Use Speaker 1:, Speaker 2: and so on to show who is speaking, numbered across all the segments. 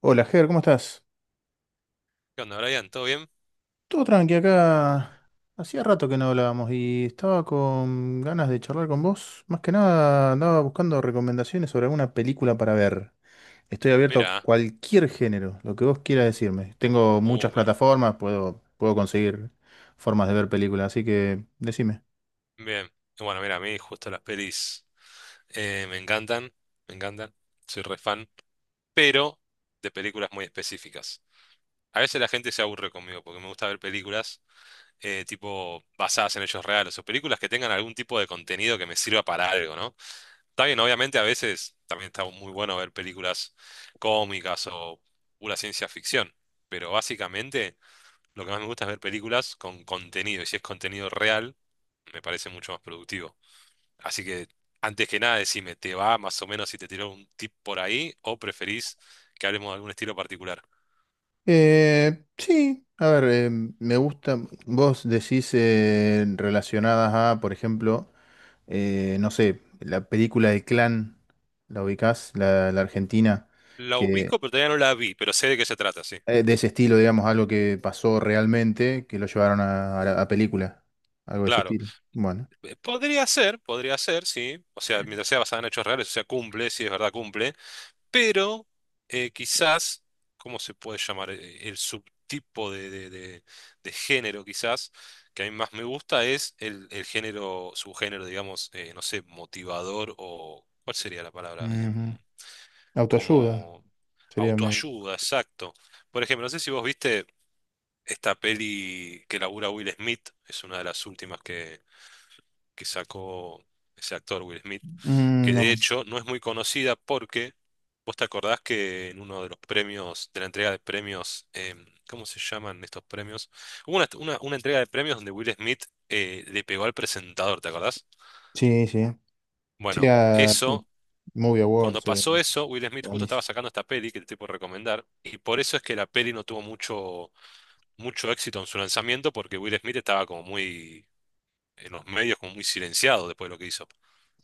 Speaker 1: Hola, Ger, ¿cómo estás?
Speaker 2: ¿Qué onda, Brian? ¿Todo bien?
Speaker 1: Todo tranqui acá. Hacía rato que no hablábamos y estaba con ganas de charlar con vos. Más que nada andaba buscando recomendaciones sobre alguna película para ver. Estoy abierto a
Speaker 2: Mira,
Speaker 1: cualquier género, lo que vos quieras decirme. Tengo muchas
Speaker 2: bueno,
Speaker 1: plataformas, puedo conseguir formas de ver películas, así que decime.
Speaker 2: bien. Bueno, mira, a mí justo las pelis eh, me encantan, me encantan, soy re fan, pero de películas muy específicas. A veces la gente se aburre conmigo porque me gusta ver películas tipo basadas en hechos reales o películas que tengan algún tipo de contenido que me sirva para algo, ¿no? Está bien, obviamente a veces también está muy bueno ver películas cómicas o pura ciencia ficción, pero básicamente lo que más me gusta es ver películas con contenido, y si es contenido real me parece mucho más productivo. Así que, antes que nada, decime, ¿te va más o menos si te tiro un tip por ahí o preferís que hablemos de algún estilo particular?
Speaker 1: Sí, a ver, me gusta, vos decís relacionadas a, por ejemplo, no sé, la película de Clan, ¿la ubicás? La argentina,
Speaker 2: La
Speaker 1: que
Speaker 2: ubico, pero todavía no la vi, pero sé de qué se trata, sí.
Speaker 1: de ese estilo, digamos, algo que pasó realmente, que lo llevaron a película, algo de ese
Speaker 2: Claro.
Speaker 1: estilo. Bueno.
Speaker 2: Podría ser, podría ser, sí. O sea, mientras sea basada en hechos reales, o sea, cumple, sí es verdad, cumple. Pero quizás, ¿cómo se puede llamar? El subtipo de género, quizás, que a mí más me gusta es el género, subgénero, digamos, no sé, motivador o, ¿cuál sería la palabra? Em,
Speaker 1: Ujú. Autoayuda,
Speaker 2: como
Speaker 1: sería medio.
Speaker 2: autoayuda, exacto. Por ejemplo, no sé si vos viste esta peli que labura Will Smith, es una de las últimas que sacó ese actor Will Smith,
Speaker 1: Mm,
Speaker 2: que de
Speaker 1: no,
Speaker 2: hecho no es muy conocida porque vos te acordás que en uno de los premios, de la entrega de premios, ¿cómo se llaman estos premios? Hubo una entrega de premios donde Will Smith le pegó al presentador, ¿te acordás?
Speaker 1: sí, sí. Sí,
Speaker 2: Bueno,
Speaker 1: a sí,
Speaker 2: eso,
Speaker 1: Movie
Speaker 2: cuando
Speaker 1: Awards,
Speaker 2: pasó eso, Will Smith justo estaba
Speaker 1: Grammys.
Speaker 2: sacando esta peli que te puedo recomendar, y por eso es que la peli no tuvo mucho éxito en su lanzamiento, porque Will Smith estaba como muy en los medios, como muy silenciado después de lo que hizo.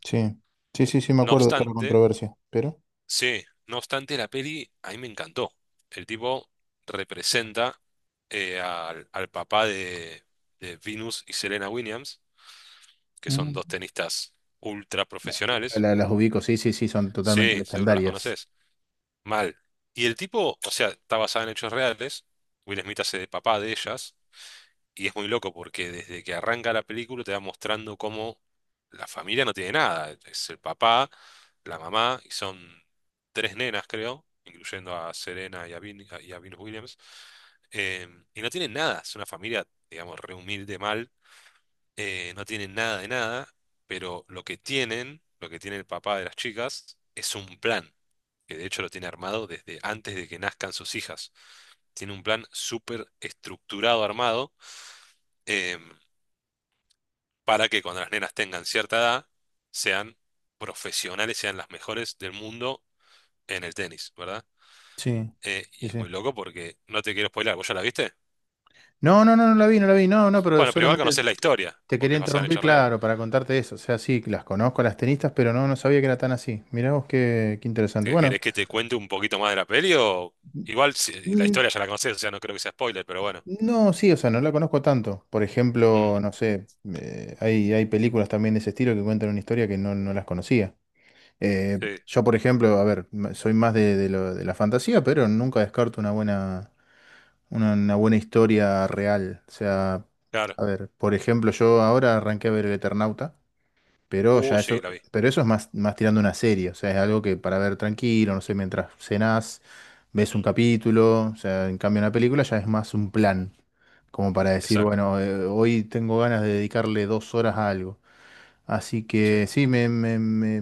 Speaker 1: Sí, sí, sí, sí, me
Speaker 2: No
Speaker 1: acuerdo de toda la
Speaker 2: obstante,
Speaker 1: controversia, pero...
Speaker 2: Sí, no obstante, la peli a mí me encantó. El tipo representa al papá de Venus y Serena Williams, que son
Speaker 1: Mm.
Speaker 2: dos tenistas ultra
Speaker 1: La-
Speaker 2: profesionales.
Speaker 1: las ubico, sí, sí, sí, son totalmente
Speaker 2: Sí, seguro las
Speaker 1: legendarias.
Speaker 2: conoces. Mal. Y el tipo, o sea, está basada en hechos reales. Will Smith hace de papá de ellas. Y es muy loco porque desde que arranca la película te va mostrando cómo la familia no tiene nada. Es el papá, la mamá y son tres nenas, creo, incluyendo a Serena y a Venus Williams. eh, y no tienen nada. Es una familia, digamos, re humilde, mal no tienen nada de nada, pero lo que tienen, lo que tiene el papá de las chicas, es un plan, que de hecho lo tiene armado desde antes de que nazcan sus hijas. Tiene un plan súper estructurado, armado, em, para que cuando las nenas tengan cierta edad, sean profesionales, sean las mejores del mundo en el tenis, ¿verdad?
Speaker 1: Sí,
Speaker 2: Y
Speaker 1: sí,
Speaker 2: es
Speaker 1: sí.
Speaker 2: muy loco porque no te quiero spoilar, ¿vos ya la viste?
Speaker 1: No, no, no, no la vi, no la vi, no, no, pero
Speaker 2: Bueno, pero igual
Speaker 1: solamente
Speaker 2: conocés la historia,
Speaker 1: te
Speaker 2: porque
Speaker 1: quería
Speaker 2: es basada en
Speaker 1: interrumpir,
Speaker 2: hechos reales.
Speaker 1: claro, para contarte eso. O sea, sí, las conozco a las tenistas, pero no, no sabía que era tan así. Mirá vos qué, qué interesante.
Speaker 2: ¿Que-
Speaker 1: Bueno,
Speaker 2: ¿Querés que te cuente un poquito más de la peli o igual la
Speaker 1: mm,
Speaker 2: historia ya la conocés, o sea, no creo que sea spoiler, pero bueno.
Speaker 1: no, sí, o sea, no la conozco tanto. Por ejemplo,
Speaker 2: Mm,
Speaker 1: no sé, hay, hay películas también de ese estilo que cuentan una historia que no, no las conocía. Eh,
Speaker 2: sí,
Speaker 1: yo, por ejemplo, a ver, soy más de, de la fantasía, pero nunca descarto una buena, una buena historia real. O sea,
Speaker 2: claro.
Speaker 1: a ver, por ejemplo, yo ahora arranqué a ver El Eternauta. Pero
Speaker 2: Uh,
Speaker 1: ya
Speaker 2: sí,
Speaker 1: eso,
Speaker 2: la vi.
Speaker 1: pero eso es más, más tirando una serie, o sea, es algo que para ver tranquilo, no sé, mientras cenás, ves un
Speaker 2: Mm,
Speaker 1: capítulo, o sea, en cambio una película ya es más un plan, como para decir,
Speaker 2: exacto.
Speaker 1: bueno, hoy tengo ganas de dedicarle dos horas a algo. Así
Speaker 2: Sí.
Speaker 1: que sí,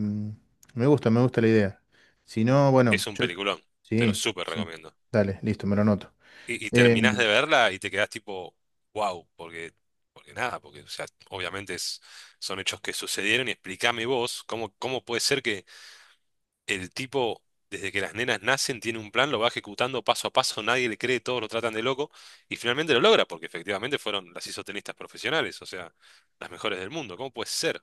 Speaker 1: me gusta la idea. Si no, bueno,
Speaker 2: Es un
Speaker 1: yo,
Speaker 2: peliculón, te lo
Speaker 1: sí,
Speaker 2: súper
Speaker 1: sí,
Speaker 2: recomiendo.
Speaker 1: dale, listo, me lo noto.
Speaker 2: Y
Speaker 1: Eh,
Speaker 2: terminás de verla y te quedás tipo, wow, porque nada, porque o sea, obviamente son hechos que sucedieron y explícame vos cómo puede ser el tipo, desde que las nenas nacen, tiene un plan, lo va ejecutando paso a paso, nadie le cree, todos lo tratan de loco, y finalmente lo logra, porque efectivamente fueron las isotenistas profesionales, o sea, las mejores del mundo. ¿Cómo puede ser?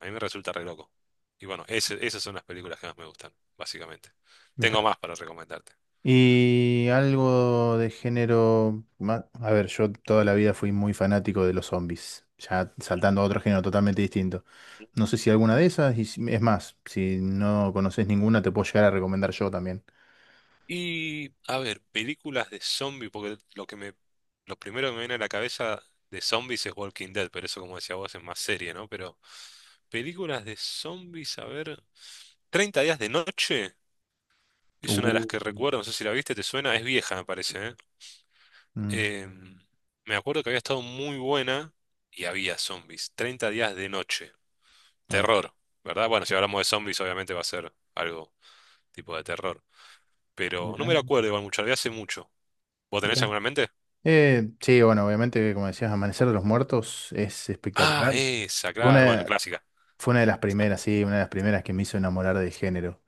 Speaker 2: A mí me resulta re loco. Y bueno, esas son las películas que más me gustan, básicamente. Tengo
Speaker 1: mira.
Speaker 2: más para recomendarte.
Speaker 1: Y algo de género... A ver, yo toda la vida fui muy fanático de los zombies, ya saltando a otro género totalmente distinto. No sé si alguna de esas, es más, si no conoces ninguna, te puedo llegar a recomendar yo también.
Speaker 2: Y, a ver, películas de zombie, porque lo primero que me viene a la cabeza de zombies es Walking Dead, pero eso, como decía vos, es más serie, ¿no? Pero películas de zombies, a ver. 30 días de noche es una de las
Speaker 1: Uh.
Speaker 2: que recuerdo, no sé si la viste, te suena, es vieja, me parece, ¿eh?
Speaker 1: Mm,
Speaker 2: Em, me acuerdo que había estado muy buena y había zombies. 30 días de noche.
Speaker 1: ah,
Speaker 2: Terror, ¿verdad? Bueno, si hablamos de zombies, obviamente va a ser algo tipo de terror. Pero no me
Speaker 1: mirá,
Speaker 2: lo acuerdo igual mucho, la vi hace mucho. ¿Vos tenés
Speaker 1: mirá.
Speaker 2: alguna en mente?
Speaker 1: Sí, bueno, obviamente, como decías, Amanecer de los Muertos es
Speaker 2: Ah,
Speaker 1: espectacular.
Speaker 2: esa,
Speaker 1: Fue
Speaker 2: claro, bueno,
Speaker 1: una,
Speaker 2: clásica.
Speaker 1: fue una de las primeras, sí, una de las primeras que me hizo enamorar del género.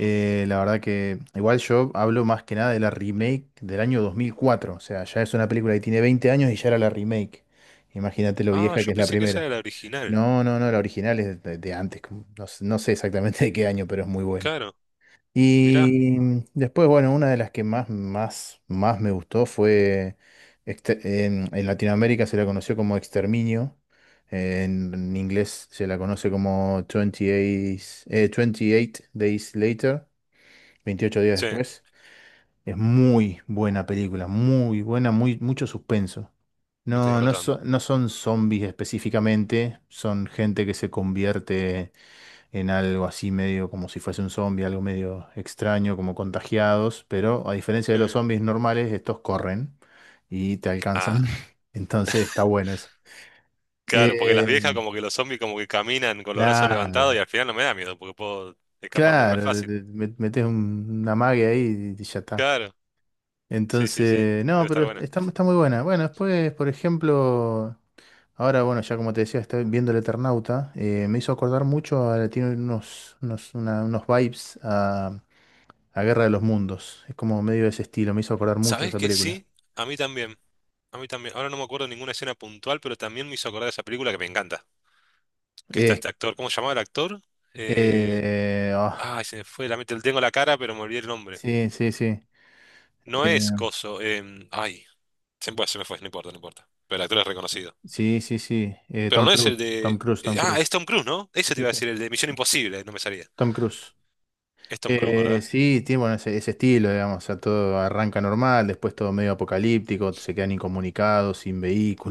Speaker 2: Mm.
Speaker 1: La verdad que igual yo hablo más que nada de la remake del año 2004. O sea, ya es una película que tiene 20 años y ya era la remake. Imagínate lo
Speaker 2: Ah,
Speaker 1: vieja que
Speaker 2: yo
Speaker 1: es la
Speaker 2: pensé que esa
Speaker 1: primera.
Speaker 2: era la original.
Speaker 1: No, no, no, la original es de antes. No, sé no sé exactamente de qué año, pero es muy buena.
Speaker 2: Claro, mirá.
Speaker 1: Y después, bueno, una de las que más, más, más me gustó fue, en Latinoamérica se la conoció como Exterminio. En inglés se la conoce como 28, 28 Days Later. 28 días
Speaker 2: Sí, me
Speaker 1: después. Es muy buena película, muy buena, muy, mucho suspenso.
Speaker 2: estoy
Speaker 1: No, no,
Speaker 2: anotando.
Speaker 1: no son zombies específicamente, son gente que se convierte en algo así medio como si fuese un zombie, algo medio extraño, como contagiados, pero a diferencia
Speaker 2: Sí.
Speaker 1: de los zombies normales, estos corren y te alcanzan.
Speaker 2: Ah,
Speaker 1: Entonces está bueno eso.
Speaker 2: claro, porque las
Speaker 1: Eh,
Speaker 2: viejas como que los zombies como que caminan con los brazos levantados
Speaker 1: claro,
Speaker 2: y al final no me da miedo porque puedo escaparme re
Speaker 1: claro,
Speaker 2: fácil.
Speaker 1: metes una magia ahí y ya está.
Speaker 2: Claro, sí, sí, sí,
Speaker 1: Entonces, no,
Speaker 2: debe estar
Speaker 1: pero
Speaker 2: buena.
Speaker 1: está, está muy buena. Bueno, después, por ejemplo, ahora, bueno, ya como te decía, estoy viendo El Eternauta. Me hizo acordar mucho, tiene unos, unos, unos vibes a Guerra de los Mundos. Es como medio de ese estilo, me hizo acordar mucho
Speaker 2: ¿Sabés
Speaker 1: esa
Speaker 2: que
Speaker 1: película.
Speaker 2: sí? A mí también, a mí también. Ahora no me acuerdo ninguna escena puntual, pero también me hizo acordar de esa película que me encanta, que está
Speaker 1: Eh,
Speaker 2: este actor, ¿cómo se llamaba el actor? Eh...
Speaker 1: eh, ah,
Speaker 2: Ay, se me fue, la mente, tengo la cara, pero me olvidé el nombre.
Speaker 1: sí, sí, sí.
Speaker 2: No es
Speaker 1: eh,
Speaker 2: Coso, ay, se me fue, no importa, no importa. Pero el actor es reconocido.
Speaker 1: sí, sí, sí.
Speaker 2: Pero
Speaker 1: Tom
Speaker 2: no es
Speaker 1: Cruise,
Speaker 2: el
Speaker 1: Tom
Speaker 2: de,
Speaker 1: Cruise, Tom
Speaker 2: ah, es
Speaker 1: Cruise.
Speaker 2: Tom Cruise, ¿no? Ese te
Speaker 1: Sí,
Speaker 2: iba a
Speaker 1: sí.
Speaker 2: decir, el de Misión Imposible, no me salía.
Speaker 1: Tom Cruise.
Speaker 2: Es Tom Cruise, ¿verdad?
Speaker 1: Sí, tiene bueno, ese estilo, digamos, o sea, todo arranca normal, después todo medio apocalíptico, se quedan incomunicados, sin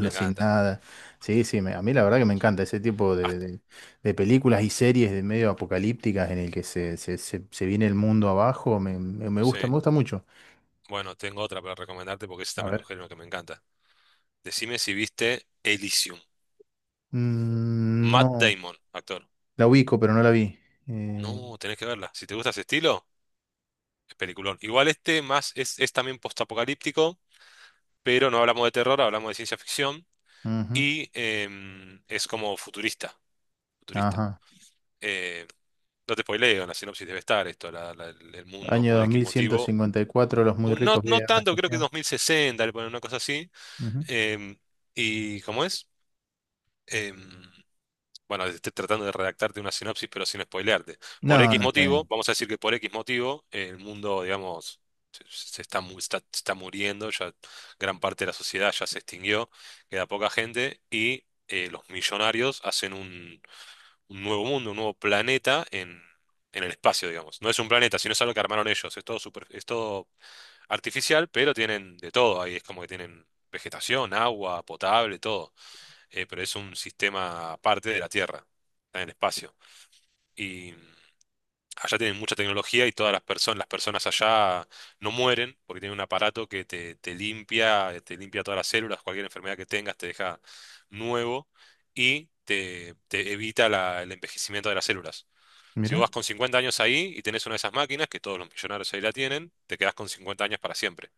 Speaker 2: Me
Speaker 1: sin
Speaker 2: encanta.
Speaker 1: nada. Sí, sí, a mí la verdad que me encanta ese tipo de,
Speaker 2: Hasta,
Speaker 1: de películas y series de medio apocalípticas en el que se, se viene el mundo abajo, me,
Speaker 2: sí.
Speaker 1: me gusta mucho.
Speaker 2: Bueno, tengo otra para recomendarte porque es
Speaker 1: A
Speaker 2: también un
Speaker 1: ver.
Speaker 2: género que me encanta. Decime si viste Elysium.
Speaker 1: Mm,
Speaker 2: Matt
Speaker 1: no,
Speaker 2: Damon, actor.
Speaker 1: la ubico, pero no la vi. Eh,
Speaker 2: No, tenés que verla. Si te gusta ese estilo, es peliculón. Igual este más es también postapocalíptico, pero no hablamos de terror, hablamos de ciencia ficción
Speaker 1: ujú,
Speaker 2: y es como futurista. Futurista.
Speaker 1: ajá.
Speaker 2: Eh, no te spoileo, en la sinopsis debe estar esto, el mundo
Speaker 1: Año
Speaker 2: por
Speaker 1: dos
Speaker 2: X
Speaker 1: mil ciento
Speaker 2: motivo.
Speaker 1: cincuenta y cuatro, los muy
Speaker 2: No,
Speaker 1: ricos
Speaker 2: no
Speaker 1: viven en una
Speaker 2: tanto, creo que
Speaker 1: estación.
Speaker 2: 2060 le ponen una cosa así.
Speaker 1: Ujú.
Speaker 2: Em, ¿y cómo es? em, bueno, estoy tratando de redactarte una sinopsis, pero sin spoilearte. Por
Speaker 1: No,
Speaker 2: X
Speaker 1: no está
Speaker 2: motivo,
Speaker 1: bien.
Speaker 2: vamos a decir que por X motivo, el mundo, digamos, se está muriendo, ya gran parte de la sociedad ya se extinguió, queda poca gente, y los millonarios hacen un, nuevo mundo, un nuevo planeta en el espacio, digamos. No es un planeta, sino es algo que armaron ellos. Es todo artificial, pero tienen de todo ahí. Es como que tienen vegetación, agua, potable, todo pero es un sistema aparte de la Tierra, está en el espacio. Y allá tienen mucha tecnología y todas las personas allá no mueren porque tienen un aparato que te limpia todas las células, cualquier enfermedad que tengas te deja nuevo y te evita el envejecimiento de las células. Si vos vas
Speaker 1: Mira.
Speaker 2: con 50 años ahí y tenés una de esas máquinas, que todos los millonarios ahí la tienen, te quedás con 50 años para siempre.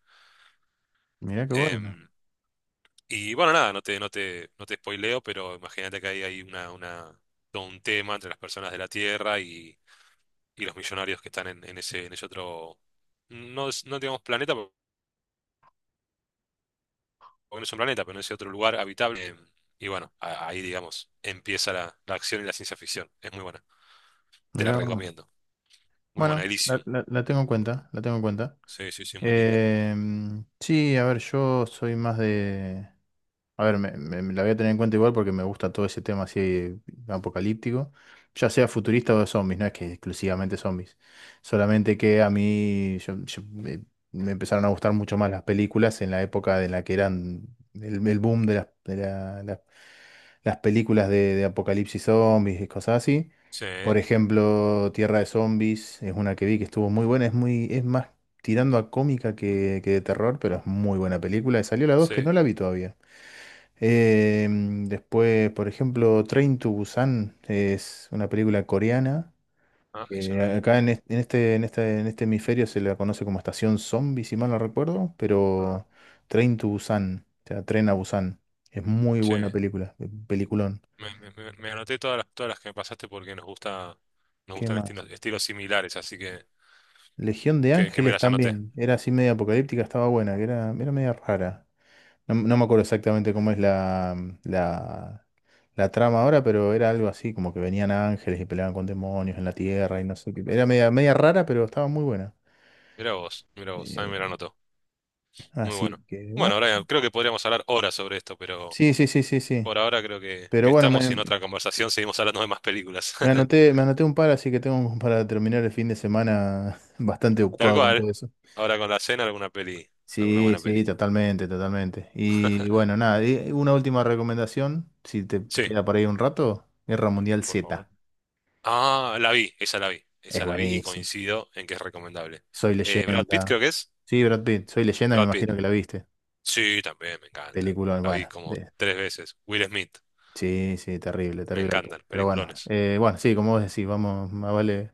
Speaker 1: Mirá qué bueno.
Speaker 2: Em, Y bueno, nada, no te spoileo, pero imagínate que ahí hay todo un tema entre las personas de la Tierra y los millonarios que están en ese otro, no, no digamos planeta, porque no es un planeta, pero en ese otro lugar habitable. Y bueno, ahí digamos, empieza la acción y la ciencia ficción. Es muy buena, te la
Speaker 1: Mirá vos.
Speaker 2: recomiendo. Muy buena,
Speaker 1: Bueno, la,
Speaker 2: Elysium.
Speaker 1: la tengo en cuenta, la tengo en cuenta.
Speaker 2: Sí, sí, sí, muy linda.
Speaker 1: Em, sí, a ver, yo soy más de... A ver, me, me la voy a tener en cuenta igual porque me gusta todo ese tema así apocalíptico, ya sea futurista o de zombies, no es que exclusivamente zombies, solamente que a mí me empezaron a gustar mucho más las películas en la época en la que eran el boom de las, las películas de apocalipsis zombies y cosas así.
Speaker 2: Sí,
Speaker 1: Por ejemplo, Tierra de Zombies es una que vi que estuvo muy buena, es muy, es más tirando a cómica que de terror, pero es muy buena película. Y salió la 2
Speaker 2: sí.
Speaker 1: que no la vi todavía. Eh, después, por ejemplo, Train to Busan es una película coreana
Speaker 2: Ah, eso
Speaker 1: que
Speaker 2: no lo vi.
Speaker 1: acá en en este, en este, en este hemisferio se la conoce como Estación Zombie, si mal no recuerdo,
Speaker 2: Ah,
Speaker 1: pero Train to Busan, o sea, Tren a Busan. Es muy
Speaker 2: sí.
Speaker 1: buena película, peliculón.
Speaker 2: Me anoté todas las que me pasaste porque nos gusta, nos
Speaker 1: ¿Qué
Speaker 2: gustan
Speaker 1: más?
Speaker 2: estilos, estilos similares, así que...
Speaker 1: Legión de
Speaker 2: que me
Speaker 1: Ángeles
Speaker 2: las anoté.
Speaker 1: también, era así media apocalíptica, estaba buena, que era, era media rara. No, no me acuerdo exactamente cómo es la, la, la trama ahora, pero era algo así, como que venían ángeles y peleaban con demonios en la tierra y no sé qué. Era media, media rara, pero estaba muy buena.
Speaker 2: Mira vos, también me la
Speaker 1: Eh,
Speaker 2: anotó. Muy
Speaker 1: así
Speaker 2: bueno.
Speaker 1: que, bueno.
Speaker 2: Bueno, Brian, creo que podríamos hablar horas sobre esto, pero
Speaker 1: Sí, sí, sí, sí, sí.
Speaker 2: por ahora creo que
Speaker 1: Pero bueno,
Speaker 2: estamos
Speaker 1: me,
Speaker 2: y en otra conversación seguimos hablando de más películas.
Speaker 1: me anoté un par, así que tengo para terminar el fin de semana bastante
Speaker 2: Tal
Speaker 1: ocupado con
Speaker 2: cual.
Speaker 1: todo eso.
Speaker 2: Ahora con la cena, alguna peli, alguna
Speaker 1: Sí,
Speaker 2: buena
Speaker 1: sí,
Speaker 2: peli.
Speaker 1: totalmente, totalmente. Y bueno, nada, y una última recomendación, si te
Speaker 2: Sí,
Speaker 1: queda por ahí un rato, Guerra Mundial
Speaker 2: por favor.
Speaker 1: Z.
Speaker 2: Ah, la vi, esa la vi,
Speaker 1: Es
Speaker 2: esa la vi y
Speaker 1: buenísimo.
Speaker 2: coincido en que es recomendable.
Speaker 1: Soy
Speaker 2: Brad Pitt creo
Speaker 1: leyenda.
Speaker 2: que es.
Speaker 1: Sí, Brad Pitt, Soy leyenda, me
Speaker 2: Brad Pitt.
Speaker 1: imagino que la viste.
Speaker 2: Sí, también, me encanta.
Speaker 1: Película,
Speaker 2: La vi
Speaker 1: bueno.
Speaker 2: como tres veces. Will Smith,
Speaker 1: Sí, sí, terrible,
Speaker 2: me
Speaker 1: terrible actor.
Speaker 2: encantan,
Speaker 1: Pero bueno,
Speaker 2: peliculones.
Speaker 1: bueno, sí, como vos decís, vamos, más vale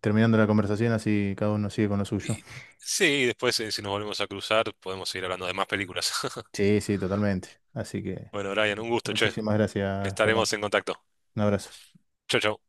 Speaker 1: terminando la conversación así cada uno sigue con lo suyo.
Speaker 2: Y, sí, después si nos volvemos a cruzar podemos seguir hablando de más películas.
Speaker 1: Sí, sí, totalmente. Así que,
Speaker 2: Bueno, Brian,
Speaker 1: bueno,
Speaker 2: un gusto, che.
Speaker 1: muchísimas gracias, Germán.
Speaker 2: Estaremos en contacto.
Speaker 1: Un abrazo.
Speaker 2: Chau, chau.